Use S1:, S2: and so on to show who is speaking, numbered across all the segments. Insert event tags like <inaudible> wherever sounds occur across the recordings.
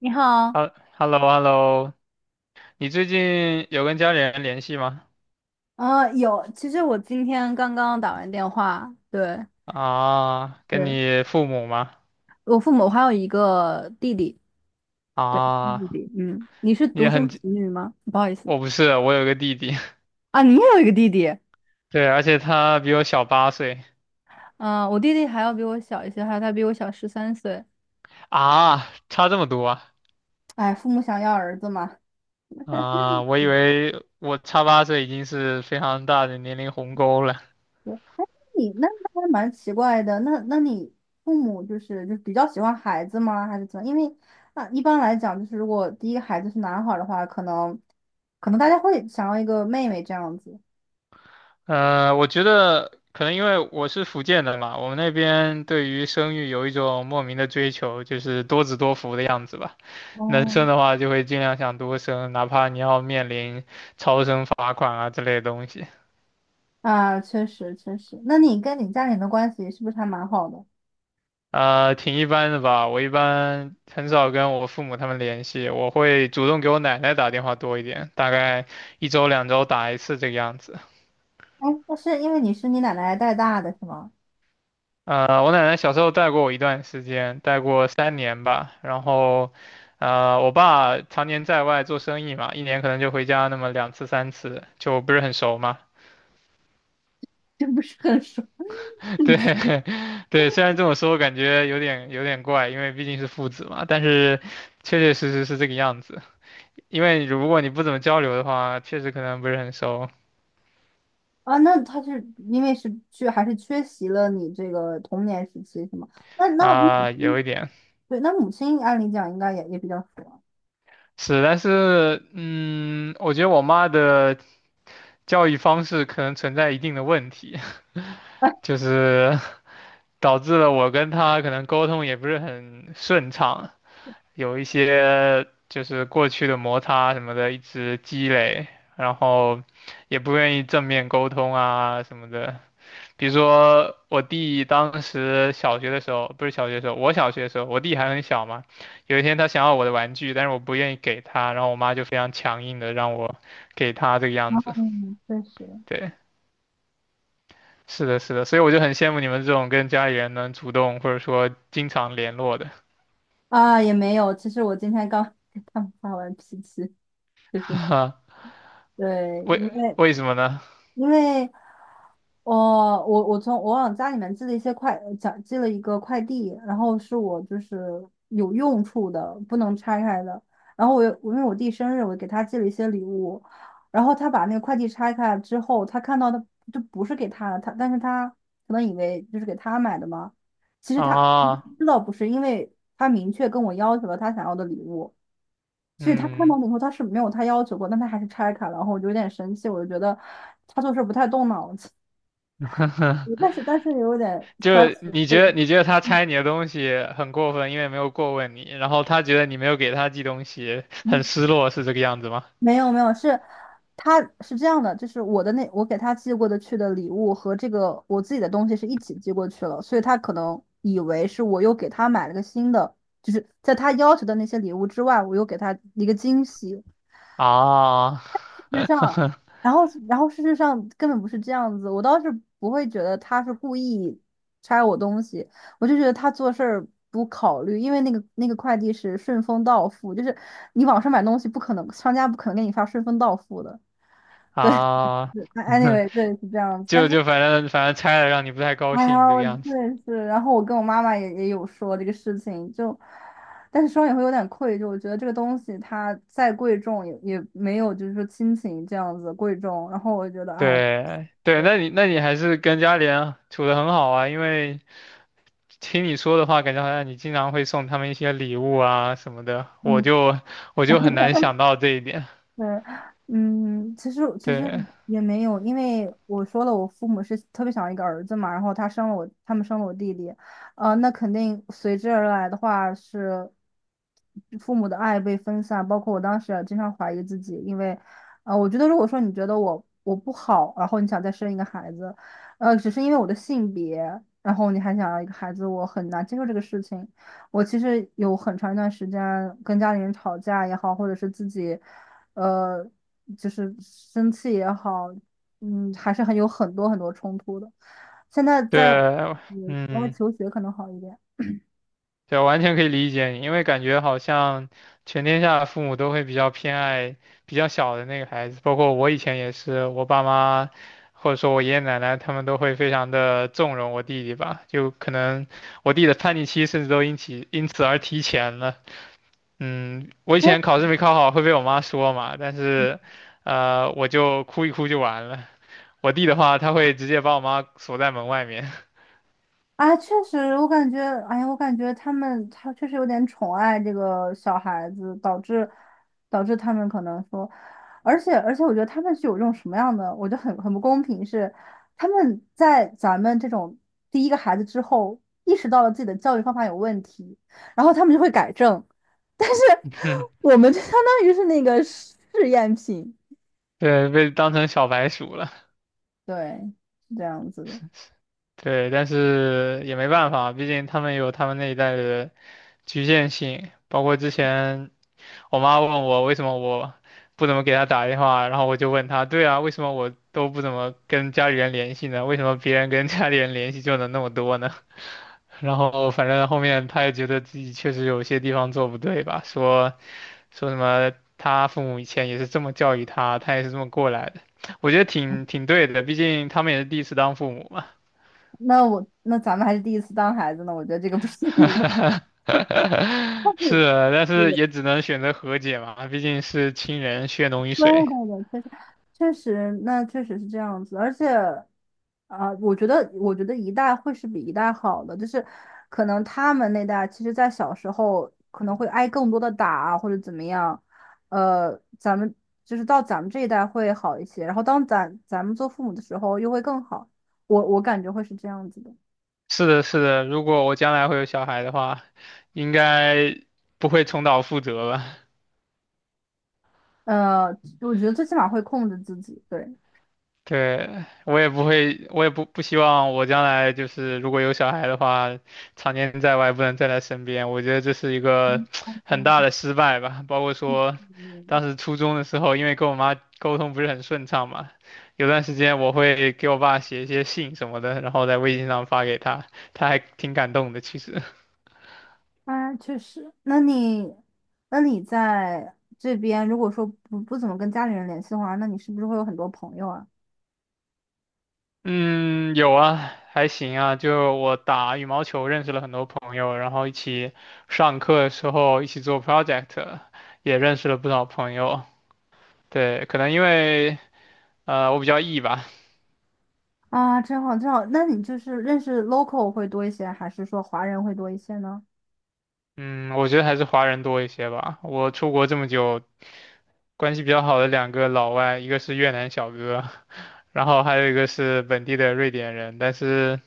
S1: 你好。
S2: 哈hello，hello，你最近有跟家里人联系吗？
S1: 有，其实我今天刚刚打完电话，对，
S2: 啊，跟
S1: 对，
S2: 你父母吗？
S1: 我父母还有一个弟弟。对，弟
S2: 啊，
S1: 弟。嗯，你是
S2: 你
S1: 独
S2: 也很，
S1: 生子女吗？不好意思。
S2: 我不是，我有个弟弟，
S1: 啊，你也有一个弟弟。
S2: <laughs> 对，而且他比我小八岁。
S1: 嗯、我弟弟还要比我小一些，还有他比我小13岁。
S2: 啊，差这么多啊。
S1: 哎，父母想要儿子嘛。
S2: 啊，我以为我差八岁已经是非常大的年龄鸿沟了。
S1: 对，你那那还蛮奇怪的，那你父母就是就比较喜欢孩子吗？还是怎么？因为那一般来讲，就是如果第一个孩子是男孩儿的话，可能可能大家会想要一个妹妹这样子。
S2: 我觉得可能因为我是福建的嘛，我们那边对于生育有一种莫名的追求，就是多子多福的样子吧。能生
S1: 嗯。
S2: 的话就会尽量想多生，哪怕你要面临超生罚款啊之类的东西。
S1: 啊，确实确实。那你跟你家人的关系是不是还蛮好的？
S2: 挺一般的吧。我一般很少跟我父母他们联系，我会主动给我奶奶打电话多一点，大概一周两周打一次这个样子。
S1: 哎，那是因为你是你奶奶带大的是吗？
S2: 我奶奶小时候带过我一段时间，带过3年吧。然后，我爸常年在外做生意嘛，1年可能就回家那么2次3次，就不是很熟嘛。
S1: 这不是很熟。
S2: <laughs> 对，<laughs> 对，虽然这么说感觉有点怪，因为毕竟是父子嘛，但是确确实实是这个样子。因为如果你不怎么交流的话，确实可能不是很熟
S1: 啊？那他是因为是缺还是缺席了你这个童年时期是吗？那那母
S2: 啊，有
S1: 亲
S2: 一点
S1: 对，那母亲按理讲应该也也比较熟。
S2: 是，但是嗯，我觉得我妈的教育方式可能存在一定的问题。
S1: 啊。
S2: 就是 <laughs> 导致了我跟他可能沟通也不是很顺畅，有一些就是过去的摩擦什么的一直积累，然后也不愿意正面沟通啊什么的。比如说我弟当时小学的时候，不是小学的时候，我小学的时候，我弟还很小嘛，有一天他想要我的玩具，但是我不愿意给他，然后我妈就非常强硬的让我给他这个样
S1: <laughs>
S2: 子，
S1: 嗯，确实。
S2: 对。是的，是的，所以我就很羡慕你们这种跟家里人能主动或者说经常联络的，
S1: 啊，也没有。其实我今天刚 <laughs> 给他们发完脾气，是是是，
S2: <laughs>
S1: 对，
S2: 为
S1: 因为
S2: 为什么呢？
S1: 因为我从我往家里面寄了一些快，寄了一个快递，然后是我就是有用处的，不能拆开的。然后我又因为我弟生日，我给他寄了一些礼物，然后他把那个快递拆开之后，他看到的就不是给他的，他但是他可能以为就是给他买的嘛，其实他
S2: 啊，
S1: 知道不是，因为他明确跟我要求了他想要的礼物，所以他看到
S2: 嗯，
S1: 了以后，他是没有他要求过，但他还是拆开了，然后我就有点生气，我就觉得他做事不太动脑子，但是也有点
S2: 就
S1: 小
S2: 是
S1: 极。
S2: 你
S1: 会，
S2: 觉得你觉得他拆你的东西很过分，因为没有过问你，然后他觉得你没有给他寄东西，
S1: 嗯，
S2: 很失落，是这个样子吗？
S1: 没有没有，是他是这样的，就是我的那我给他寄过的去的礼物和这个我自己的东西是一起寄过去了，所以他可能以为是我又给他买了个新的，就是在他要求的那些礼物之外，我又给他一个惊喜。
S2: 啊，
S1: 事实上，
S2: <laughs>
S1: 然后然后事实上根本不是这样子，我倒是不会觉得他是故意拆我东西，我就觉得他做事儿不考虑，因为那个快递是顺丰到付，就是你网上买东西不可能，商家不可能给你发顺丰到付的。<laughs> 对，
S2: 啊，
S1: 是，anyway, 对是这样
S2: <laughs>
S1: 子，但
S2: 就
S1: 是
S2: 就反正拆了让你不太高
S1: 哎
S2: 兴
S1: 呀，
S2: 这个
S1: 我
S2: 样子。
S1: 对是，然后我跟我妈妈也也有说这个事情，就。但是双也会有点愧疚，我觉得这个东西它再贵重也也没有，就是说亲情这样子贵重。然后我觉得，哎，
S2: 对对，那你还是跟家里人处得很好啊，因为听你说的话，感觉好像你经常会送他们一些礼物啊什么的，
S1: 嗯，
S2: 我
S1: 然
S2: 就很
S1: 后
S2: 难想到这一点。
S1: 是，嗯，其实其实
S2: 对
S1: 也没有，因为我说了，我父母是特别想要一个儿子嘛，然后他生了我，他们生了我弟弟。那肯定随之而来的话是父母的爱被分散，包括我当时也经常怀疑自己，因为，我觉得如果说你觉得我我不好，然后你想再生一个孩子，只是因为我的性别，然后你还想要一个孩子，我很难接受这个事情。我其实有很长一段时间跟家里人吵架也好，或者是自己，呃，就是生气也好，嗯，还是很有很多很多冲突的。现在在
S2: 对，
S1: 嗯国外
S2: 嗯，
S1: 求学可能好一点。
S2: 对，完全可以理解你，因为感觉好像全天下的父母都会比较偏爱比较小的那个孩子，包括我以前也是，我爸妈或者说我爷爷奶奶他们都会非常的纵容我弟弟吧，就可能我弟的叛逆期甚至都因此而提前了。嗯，我以前考试没考好会被我妈说嘛，但是，我就哭一哭就完了。我弟的话，他会直接把我妈锁在门外面。
S1: 啊，确实，我感觉，哎呀，我感觉他们他确实有点宠爱这个小孩子，导致导致他们可能说，而且，我觉得他们是有这种什么样的，我觉得很很不公平是，他们在咱们这种第一个孩子之后，意识到了自己的教育方法有问题，然后他们就会改正，但是
S2: <laughs>
S1: 我们就相当于是那个试验品，
S2: 对，被当成小白鼠了。
S1: 对，是这样子的。
S2: 对，但是也没办法，毕竟他们有他们那一代的局限性。包括之前我妈问我为什么我不怎么给她打电话，然后我就问她，对啊，为什么我都不怎么跟家里人联系呢？为什么别人跟家里人联系就能那么多呢？然后反正后面他也觉得自己确实有些地方做不对吧，说他父母以前也是这么教育他，他也是这么过来的，我觉得挺挺对的，毕竟他们也是第一次当父母嘛。
S1: 那我那咱们还是第一次当孩子呢，我觉得这个不是第一，但
S2: <laughs>
S1: 是。
S2: 是，但是也只能选择和解嘛，毕竟是亲人，血浓于
S1: 对
S2: 水。
S1: 对对，确实确实，那确实是这样子，而且，我觉得我觉得一代会是比一代好的，就是可能他们那代，其实在小时候可能会挨更多的打啊或者怎么样，咱们就是到咱们这一代会好一些，然后当咱们做父母的时候又会更好，我我感觉会是这样子的。
S2: 是的，是的，如果我将来会有小孩的话，应该不会重蹈覆辙吧。
S1: 呃，我觉得最起码会控制自己，对。
S2: 对，我也不会，我也不希望我将来就是如果有小孩的话，常年在外不能在他身边，我觉得这是一个很大的失败吧。包括说，当时初中的时候，因为跟我妈沟通不是很顺畅嘛，有段时间我会给我爸写一些信什么的，然后在微信上发给他，他还挺感动的，其实。
S1: 啊，确实。那你，那你在这边，如果说不不怎么跟家里人联系的话，那你是不是会有很多朋友啊？
S2: 嗯，有啊，还行啊。就我打羽毛球认识了很多朋友，然后一起上课的时候一起做 project,也认识了不少朋友。对，可能因为我比较 E 吧。
S1: 啊，真好，真好。那你就是认识 local 会多一些，还是说华人会多一些呢？
S2: 嗯，我觉得还是华人多一些吧。我出国这么久，关系比较好的两个老外，一个是越南小哥，<laughs> 然后还有一个是本地的瑞典人，但是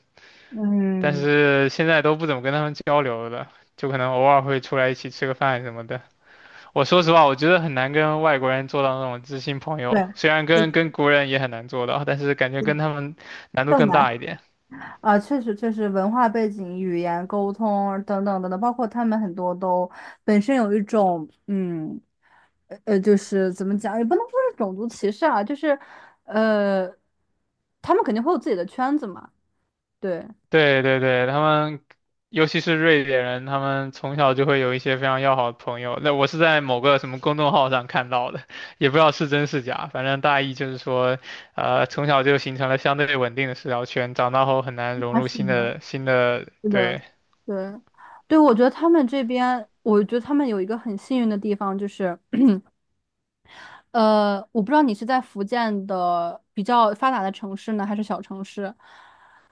S1: 嗯，
S2: 现在都不怎么跟他们交流了，就可能偶尔会出来一起吃个饭什么的。我说实话，我觉得很难跟外国人做到那种知心朋友，
S1: 对，
S2: 虽然跟国人也很难做到，但是感觉跟他们难度
S1: 更
S2: 更
S1: 难。
S2: 大一点。
S1: 啊，确实，确实，文化背景、语言、沟通等等等等，包括他们很多都本身有一种，嗯，就是怎么讲，也不能说是种族歧视啊，就是，呃，他们肯定会有自己的圈子嘛，对，
S2: 对对对，他们尤其是瑞典人，他们从小就会有一些非常要好的朋友。那我是在某个什么公众号上看到的，也不知道是真是假，反正大意就是说，从小就形成了相对稳定的社交圈，长大后很难融
S1: 啊，
S2: 入
S1: 是
S2: 新
S1: 的。
S2: 的新的，
S1: 是的，
S2: 对，
S1: 对，对，我觉得他们这边，我觉得他们有一个很幸运的地方，就是。我不知道你是在福建的比较发达的城市呢，还是小城市。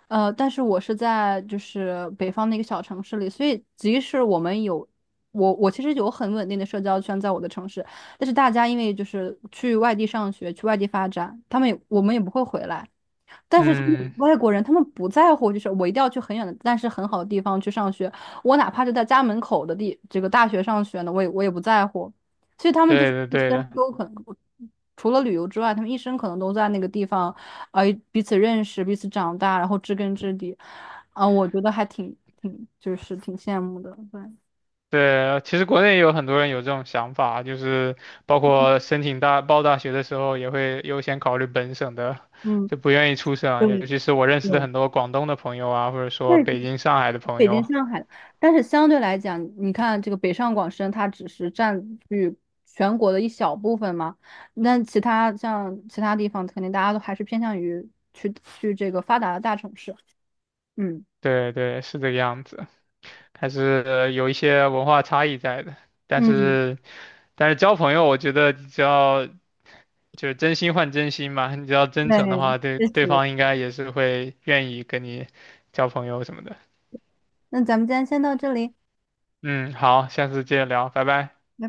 S1: 但是我是在就是北方的一个小城市里，所以即使我们有我我其实有很稳定的社交圈在我的城市，但是大家因为就是去外地上学，去外地发展，他们也我们也不会回来，但是他们
S2: 嗯，
S1: 外国人，他们不在乎，就是我一定要去很远的，但是很好的地方去上学，我哪怕就在家门口的地这个大学上学呢，我也我也不在乎。所以他们就
S2: 对
S1: 是
S2: 的
S1: 一生
S2: 对的。
S1: 都可能，除了旅游之外，他们一生可能都在那个地方，呃，彼此认识，彼此长大，然后知根知底，我觉得还挺挺就是挺羡慕的，对。
S2: 对，其实国内也有很多人有这种想法，就是包括申请大学的时候，也会优先考虑本省的，
S1: 嗯，
S2: 就不愿意出省啊，尤其是我认识的很多广东的朋友啊，或者
S1: 那。
S2: 说北京、上海的朋
S1: 北京、
S2: 友，
S1: 上海，但是相对来讲，你看这个北上广深，它只是占据全国的一小部分嘛。那其他像其他地方，肯定大家都还是偏向于去去这个发达的大城市。嗯。
S2: 对对，是这个样子，还是有一些文化差异在的。但
S1: 嗯，
S2: 是但是交朋友，我觉得只要就是真心换真心嘛，你只要真诚的
S1: 对，
S2: 话，对
S1: 确
S2: 对
S1: 实。
S2: 方应该也是会愿意跟你交朋友什么的。
S1: 那咱们今天先到这里。拜
S2: 嗯，好，下次接着聊，拜拜。
S1: 拜。